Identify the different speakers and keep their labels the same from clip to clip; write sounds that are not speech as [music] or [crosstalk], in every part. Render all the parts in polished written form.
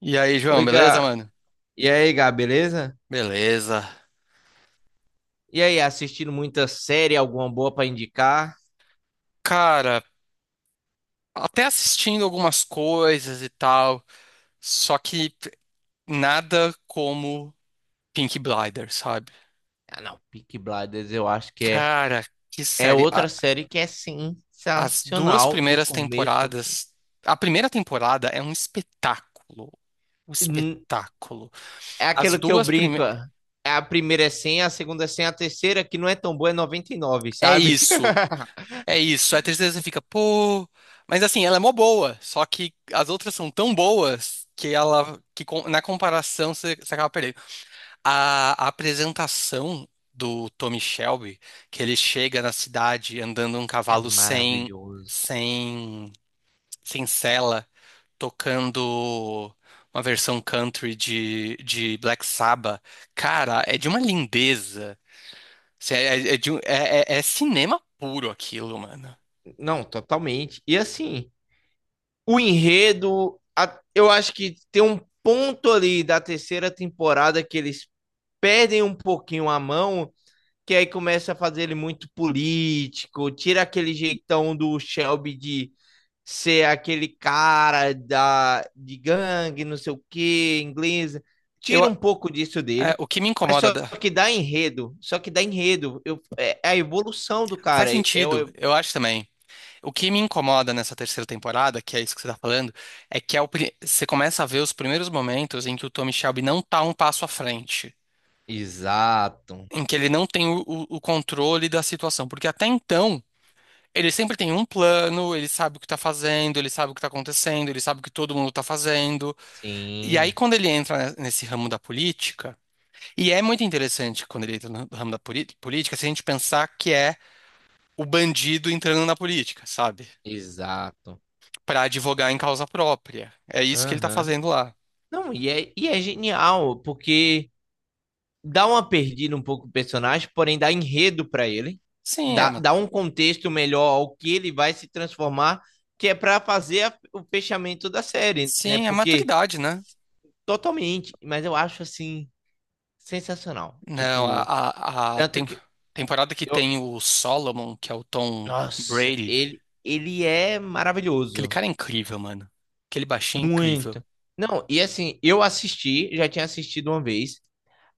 Speaker 1: E aí, João,
Speaker 2: Oi,
Speaker 1: beleza,
Speaker 2: Gá.
Speaker 1: mano?
Speaker 2: E aí, Gá, beleza?
Speaker 1: Beleza.
Speaker 2: E aí, assistindo muita série, alguma boa pra indicar?
Speaker 1: Cara, até assistindo algumas coisas e tal, só que nada como Peaky Blinders, sabe?
Speaker 2: Ah, não, Peaky Blinders eu acho que é,
Speaker 1: Cara, que
Speaker 2: é
Speaker 1: série.
Speaker 2: outra série que é
Speaker 1: As duas
Speaker 2: sensacional do
Speaker 1: primeiras
Speaker 2: começo ao fim.
Speaker 1: temporadas. A primeira temporada é um espetáculo. Um
Speaker 2: Hum,
Speaker 1: espetáculo.
Speaker 2: É
Speaker 1: As
Speaker 2: aquilo que eu
Speaker 1: duas
Speaker 2: brinco,
Speaker 1: primeiras.
Speaker 2: ó. A primeira é 100, a segunda é 100, a terceira, que não é tão boa, é 99,
Speaker 1: É
Speaker 2: sabe?
Speaker 1: isso.
Speaker 2: [laughs]
Speaker 1: É isso, a terceira você fica, pô. Mas assim, ela é mó boa, só que as outras são tão boas que ela, na comparação você acaba perdendo. A apresentação do Tommy Shelby, que ele chega na cidade andando um
Speaker 2: É
Speaker 1: cavalo
Speaker 2: maravilhoso.
Speaker 1: sem, sem sela, tocando uma versão country de Black Sabbath, cara, é de uma lindeza. Assim, É, é, é de um- é é- é cinema puro aquilo, mano.
Speaker 2: Não, totalmente. E assim, o enredo, eu acho que tem um ponto ali da terceira temporada que eles perdem um pouquinho a mão, que aí começa a fazer ele muito político, tira aquele jeitão do Shelby de ser aquele cara de gangue, não sei o que, inglesa. Tira um pouco disso
Speaker 1: É,
Speaker 2: dele,
Speaker 1: o que me
Speaker 2: mas
Speaker 1: incomoda.
Speaker 2: só
Speaker 1: da-
Speaker 2: que dá enredo. Só que dá enredo. É a evolução do
Speaker 1: Faz
Speaker 2: cara.
Speaker 1: sentido, eu acho também. O que me incomoda nessa terceira temporada, que é isso que você tá falando, é que é você começa a ver os primeiros momentos em que o Tommy Shelby não tá um passo à frente,
Speaker 2: Exato.
Speaker 1: em que ele não tem o controle da situação, porque até então ele sempre tem um plano, ele sabe o que tá fazendo, ele sabe o que tá acontecendo, ele sabe o que todo mundo tá fazendo. E aí
Speaker 2: Sim,
Speaker 1: quando ele entra nesse ramo da política, e é muito interessante quando ele entra no ramo da política, se a gente pensar que é o bandido entrando na política, sabe?
Speaker 2: exato.
Speaker 1: Pra advogar em causa própria. É isso que ele tá
Speaker 2: Aham.
Speaker 1: fazendo lá.
Speaker 2: Não, e é genial, porque dá uma perdida um pouco o personagem, porém dá enredo para ele,
Speaker 1: Sim, é,
Speaker 2: dá,
Speaker 1: ma-
Speaker 2: dá um contexto melhor ao que ele vai se transformar, que é para fazer o fechamento da série, né?
Speaker 1: sim, é
Speaker 2: Porque
Speaker 1: maturidade, né?
Speaker 2: totalmente, mas eu acho assim sensacional.
Speaker 1: Não,
Speaker 2: Tipo,
Speaker 1: a
Speaker 2: tanto
Speaker 1: tem-
Speaker 2: que
Speaker 1: Temporada que
Speaker 2: eu,
Speaker 1: tem o Solomon, que é o Tom
Speaker 2: nossa,
Speaker 1: Brady,
Speaker 2: ele é
Speaker 1: aquele
Speaker 2: maravilhoso,
Speaker 1: cara é incrível, mano. Aquele baixinho é incrível.
Speaker 2: muito. Não, e assim, eu assisti, já tinha assistido uma vez.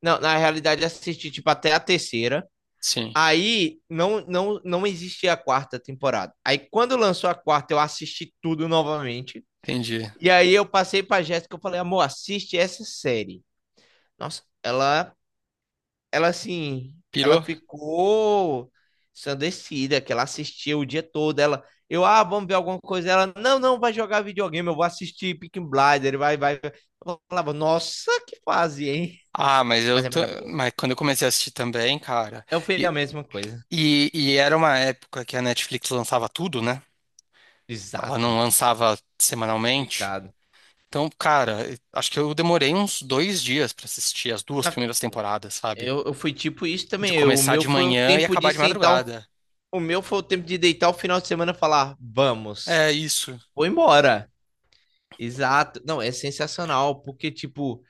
Speaker 2: Não, na realidade assisti tipo até a terceira.
Speaker 1: Sim,
Speaker 2: Aí não, não, não existia a quarta temporada. Aí quando lançou a quarta, eu assisti tudo novamente.
Speaker 1: entendi.
Speaker 2: E aí eu passei pra Jéssica, eu falei, amor, assiste essa série. Nossa, ela assim, ela
Speaker 1: Pirou?
Speaker 2: ficou ensandecida, que ela assistia o dia todo. Ela, eu, ah, vamos ver alguma coisa. Ela, não, não, vai jogar videogame, eu vou assistir Peaky Blinders, vai, vai. Eu falava, nossa, que fase, hein?
Speaker 1: Ah, mas eu
Speaker 2: Mas é
Speaker 1: tô,
Speaker 2: maravilhoso.
Speaker 1: mas quando eu comecei a assistir também, cara,
Speaker 2: Eu fiz
Speaker 1: e,
Speaker 2: a mesma coisa.
Speaker 1: e era uma época que a Netflix lançava tudo, né? Ela não
Speaker 2: Exato,
Speaker 1: lançava semanalmente.
Speaker 2: picado.
Speaker 1: Então, cara, acho que eu demorei uns 2 dias pra assistir as duas primeiras temporadas, sabe?
Speaker 2: Eu fui tipo isso
Speaker 1: De
Speaker 2: também. O
Speaker 1: começar
Speaker 2: meu
Speaker 1: de
Speaker 2: foi o
Speaker 1: manhã e
Speaker 2: tempo de
Speaker 1: acabar de
Speaker 2: sentar,
Speaker 1: madrugada.
Speaker 2: o meu foi o tempo de deitar o final de semana e falar, vamos,
Speaker 1: É isso.
Speaker 2: vou embora. Exato. Não, é sensacional, porque, tipo,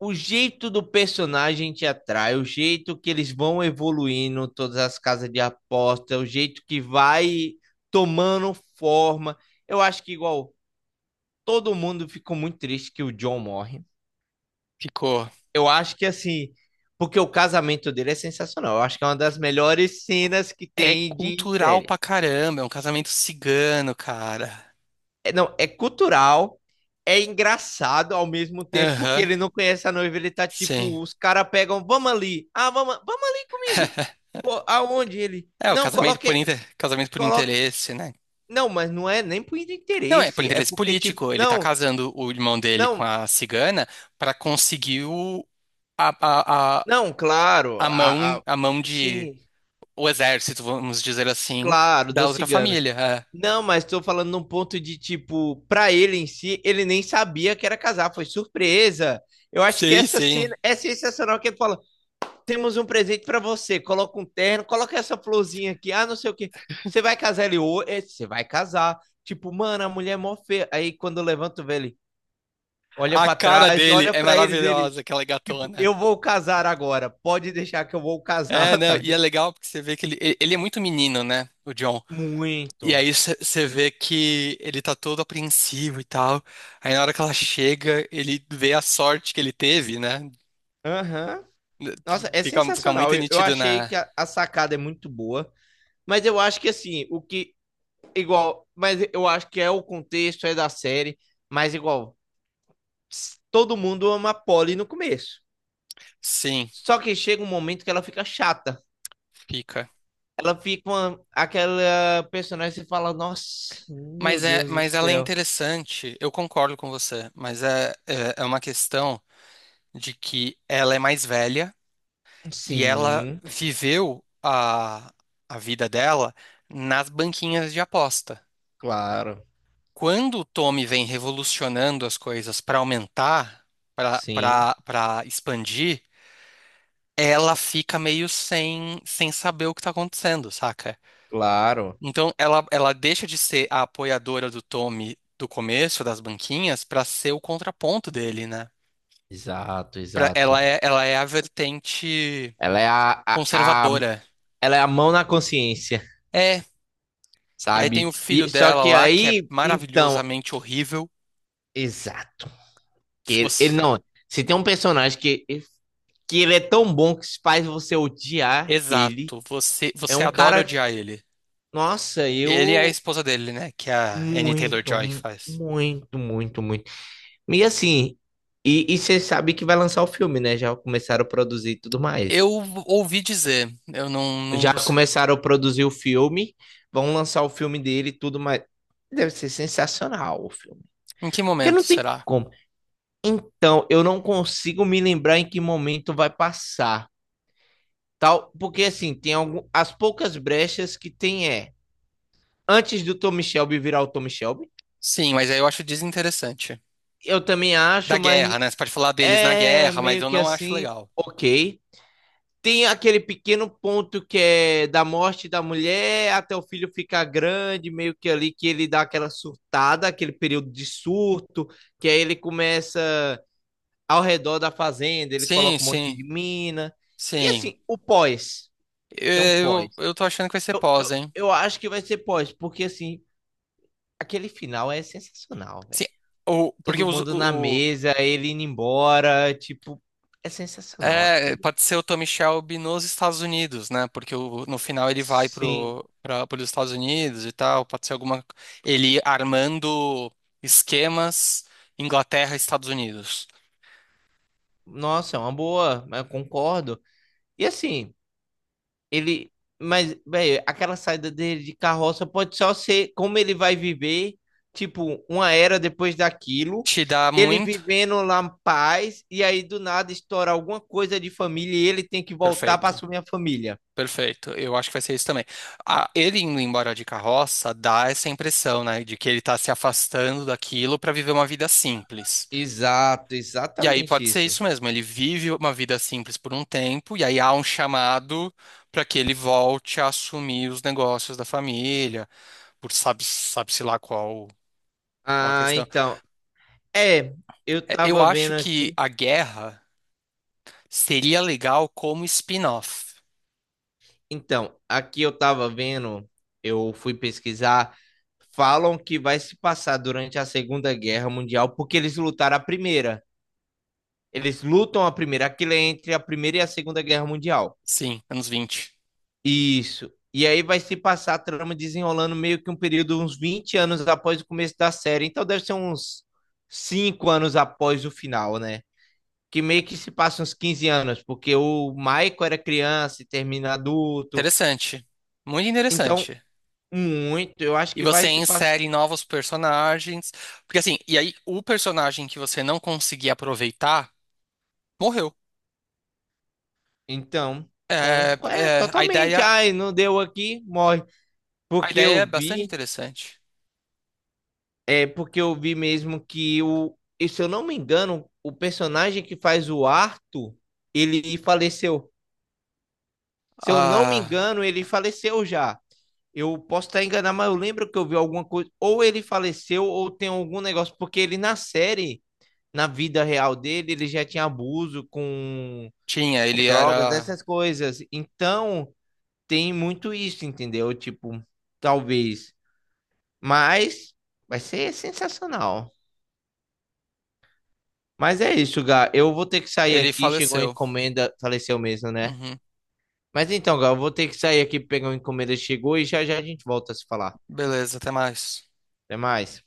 Speaker 2: o jeito do personagem te atrai, o jeito que eles vão evoluindo, todas as casas de aposta, o jeito que vai tomando forma. Eu acho que, igual, todo mundo ficou muito triste que o John morre.
Speaker 1: Ficou.
Speaker 2: Eu acho que assim, porque o casamento dele é sensacional. Eu acho que é uma das melhores cenas que
Speaker 1: É
Speaker 2: tem de
Speaker 1: cultural
Speaker 2: série.
Speaker 1: pra caramba. É um casamento cigano, cara.
Speaker 2: É, não, é cultural, é engraçado ao mesmo tempo, porque
Speaker 1: Aham.
Speaker 2: ele não conhece a noiva, ele tá
Speaker 1: Sim.
Speaker 2: tipo, os caras pegam, vamos ali, ah, vamos ali comigo.
Speaker 1: [laughs]
Speaker 2: Pô, aonde ele?
Speaker 1: É, o
Speaker 2: Não,
Speaker 1: casamento por
Speaker 2: coloque,
Speaker 1: inter... casamento por
Speaker 2: coloque.
Speaker 1: interesse, né?
Speaker 2: Não, mas não é nem por
Speaker 1: Não, é por
Speaker 2: interesse, é
Speaker 1: interesse
Speaker 2: porque tipo,
Speaker 1: político. Ele tá
Speaker 2: não,
Speaker 1: casando o irmão dele com
Speaker 2: não,
Speaker 1: a cigana pra conseguir o... a, a, a,
Speaker 2: não, claro,
Speaker 1: a mão de
Speaker 2: sim,
Speaker 1: o exército, vamos dizer assim,
Speaker 2: claro,
Speaker 1: da
Speaker 2: dos
Speaker 1: outra
Speaker 2: ciganos.
Speaker 1: família. É.
Speaker 2: Não, mas estou falando num ponto de tipo, pra ele em si, ele nem sabia que era casar, foi surpresa. Eu acho que
Speaker 1: Sim,
Speaker 2: essa cena
Speaker 1: sim.
Speaker 2: é sensacional que ele fala: "Temos um presente pra você, coloca um terno, coloca essa florzinha aqui, ah, não sei o quê. Você vai casar ele ou você vai casar". Tipo, mano, a mulher é mó feia. Aí quando levanta o velho, olha
Speaker 1: A
Speaker 2: pra
Speaker 1: cara
Speaker 2: trás,
Speaker 1: dele
Speaker 2: olha
Speaker 1: é
Speaker 2: pra eles, ele,
Speaker 1: maravilhosa, aquela
Speaker 2: tipo,
Speaker 1: gatona.
Speaker 2: eu vou casar agora. Pode deixar que eu vou casar,
Speaker 1: É,
Speaker 2: [laughs] tá
Speaker 1: né? E é
Speaker 2: ligado?
Speaker 1: legal porque você vê que ele é muito menino, né? O John. E
Speaker 2: Muito.
Speaker 1: aí você vê que ele tá todo apreensivo e tal. Aí na hora que ela chega, ele vê a sorte que ele teve, né?
Speaker 2: Aham. Nossa, é
Speaker 1: Fica
Speaker 2: sensacional.
Speaker 1: muito
Speaker 2: Eu
Speaker 1: nítido
Speaker 2: achei
Speaker 1: na.
Speaker 2: que a sacada é muito boa, mas eu acho que assim, o que igual, mas eu acho que é o contexto é da série, mas igual, ps, todo mundo ama a Polly no começo.
Speaker 1: Sim,
Speaker 2: Só que chega um momento que ela fica chata.
Speaker 1: fica.
Speaker 2: Ela fica uma, aquela personagem que você fala: "Nossa, meu
Speaker 1: Mas, é,
Speaker 2: Deus do
Speaker 1: mas ela é
Speaker 2: céu".
Speaker 1: interessante, eu concordo com você, mas é uma questão de que ela é mais velha e ela
Speaker 2: Sim,
Speaker 1: viveu a vida dela nas banquinhas de aposta.
Speaker 2: claro.
Speaker 1: Quando o Tommy vem revolucionando as coisas para aumentar,
Speaker 2: Sim,
Speaker 1: para expandir, ela fica meio sem saber o que está acontecendo, saca?
Speaker 2: claro.
Speaker 1: Então ela deixa de ser a apoiadora do Tommy do começo das banquinhas para ser o contraponto dele, né?
Speaker 2: Exato, exato.
Speaker 1: Ela é a vertente
Speaker 2: Ela é a, a, a-
Speaker 1: conservadora.
Speaker 2: ela é a mão na consciência,
Speaker 1: É. E aí tem o
Speaker 2: sabe?
Speaker 1: filho
Speaker 2: E só
Speaker 1: dela
Speaker 2: que
Speaker 1: lá, que é
Speaker 2: aí, então,
Speaker 1: maravilhosamente horrível.
Speaker 2: exato. Que ele
Speaker 1: Você-
Speaker 2: não, se tem um personagem que ele é tão bom que faz você odiar ele,
Speaker 1: Exato,
Speaker 2: é
Speaker 1: você
Speaker 2: um
Speaker 1: adora
Speaker 2: cara,
Speaker 1: odiar ele.
Speaker 2: nossa,
Speaker 1: Ele é a
Speaker 2: eu
Speaker 1: esposa dele, né? Que a Annie
Speaker 2: muito,
Speaker 1: Taylor-Joy faz.
Speaker 2: muito, muito, muito. E assim, e você sabe que vai lançar o filme, né? Já começaram a produzir e tudo
Speaker 1: Eu
Speaker 2: mais.
Speaker 1: ouvi dizer, eu não, não
Speaker 2: Já
Speaker 1: busquei.
Speaker 2: começaram a produzir o filme, vão lançar o filme dele e tudo mais. Deve ser sensacional o filme.
Speaker 1: Em que
Speaker 2: Porque
Speaker 1: momento
Speaker 2: não tem
Speaker 1: será?
Speaker 2: como. Então, eu não consigo me lembrar em que momento vai passar, tal, porque assim, tem algum, as poucas brechas que tem é antes do Tommy Shelby virar o Tommy Shelby.
Speaker 1: Sim, mas aí eu acho desinteressante.
Speaker 2: Eu também
Speaker 1: Da
Speaker 2: acho, mas
Speaker 1: guerra, né? Você pode falar deles na
Speaker 2: é
Speaker 1: guerra, mas
Speaker 2: meio
Speaker 1: eu
Speaker 2: que
Speaker 1: não acho
Speaker 2: assim,
Speaker 1: legal.
Speaker 2: OK. Tem aquele pequeno ponto que é da morte da mulher até o filho ficar grande, meio que ali que ele dá aquela surtada, aquele período de surto, que aí ele começa ao redor da fazenda, ele
Speaker 1: Sim,
Speaker 2: coloca um monte
Speaker 1: sim,
Speaker 2: de mina. E
Speaker 1: sim.
Speaker 2: assim, o pós, tem um pós.
Speaker 1: Eu tô achando que vai ser
Speaker 2: Eu,
Speaker 1: pós,
Speaker 2: eu,
Speaker 1: hein?
Speaker 2: eu acho que vai ser pós, porque assim, aquele final é sensacional,
Speaker 1: Assim,
Speaker 2: velho.
Speaker 1: o, porque
Speaker 2: Todo
Speaker 1: os,
Speaker 2: mundo na mesa, ele indo embora, tipo, é sensacional
Speaker 1: É,
Speaker 2: aquilo.
Speaker 1: pode ser o Tommy Shelby nos Estados Unidos, né? Porque no final ele vai
Speaker 2: Sim,
Speaker 1: para os Estados Unidos e tal. Pode ser alguma. Ele armando esquemas Inglaterra, e Estados Unidos.
Speaker 2: nossa, é uma boa, eu concordo. E assim, Ele, mas, velho, aquela saída dele de carroça pode só ser como ele vai viver, tipo, uma era depois daquilo,
Speaker 1: Te dá
Speaker 2: ele
Speaker 1: muito?
Speaker 2: vivendo lá em paz, e aí do nada estoura alguma coisa de família e ele tem que voltar para
Speaker 1: Perfeito,
Speaker 2: assumir a família.
Speaker 1: perfeito. Eu acho que vai ser isso também. Ah, ele indo embora de carroça dá essa impressão, né? De que ele tá se afastando daquilo para viver uma vida simples.
Speaker 2: Exato,
Speaker 1: E aí
Speaker 2: exatamente
Speaker 1: pode ser
Speaker 2: isso.
Speaker 1: isso mesmo, ele vive uma vida simples por um tempo, e aí há um chamado para que ele volte a assumir os negócios da família, por sabe-se lá qual, qual a
Speaker 2: Ah,
Speaker 1: questão.
Speaker 2: então, é, eu
Speaker 1: É, eu
Speaker 2: tava
Speaker 1: acho
Speaker 2: vendo
Speaker 1: que
Speaker 2: aqui.
Speaker 1: a guerra seria legal como spin-off.
Speaker 2: Então, aqui eu tava vendo, eu fui pesquisar, falam que vai se passar durante a Segunda Guerra Mundial porque eles lutaram a primeira. Eles lutam a primeira, aquilo é entre a Primeira e a Segunda Guerra Mundial.
Speaker 1: Sim, anos 20.
Speaker 2: Isso. E aí vai se passar a trama desenrolando meio que um período uns 20 anos após o começo da série. Então deve ser uns 5 anos após o final, né? Que meio que se passa uns 15 anos, porque o Michael era criança e termina adulto.
Speaker 1: Interessante. Muito
Speaker 2: Então,
Speaker 1: interessante.
Speaker 2: muito, eu acho
Speaker 1: E
Speaker 2: que vai
Speaker 1: você
Speaker 2: se passar.
Speaker 1: insere novos personagens. Porque assim, e aí o personagem que você não conseguia aproveitar morreu.
Speaker 2: Então,
Speaker 1: É,
Speaker 2: é,
Speaker 1: a
Speaker 2: totalmente.
Speaker 1: ideia.
Speaker 2: Ai, não deu aqui, morre.
Speaker 1: A
Speaker 2: Porque eu
Speaker 1: ideia é bastante
Speaker 2: vi
Speaker 1: interessante.
Speaker 2: É porque eu vi mesmo que o, e se eu não me engano, o personagem que faz o Arthur, ele faleceu. Se eu não me
Speaker 1: Ah,
Speaker 2: engano, ele faleceu já. Eu posso estar enganado, mas eu lembro que eu vi alguma coisa. Ou ele faleceu, ou tem algum negócio. Porque ele na série, na vida real dele, ele já tinha abuso com,
Speaker 1: tinha, ele
Speaker 2: com drogas,
Speaker 1: era.
Speaker 2: essas coisas. Então, tem muito isso, entendeu? Tipo, talvez. Mas vai ser sensacional. Mas é isso, Gá. Eu vou ter que sair
Speaker 1: Ele
Speaker 2: aqui. Chegou a
Speaker 1: faleceu.
Speaker 2: encomenda. Faleceu mesmo, né?
Speaker 1: Uhum.
Speaker 2: Mas então, Gá, eu vou ter que sair aqui pegar uma encomenda. Chegou e já já a gente volta a se falar.
Speaker 1: Beleza, até mais.
Speaker 2: Até mais.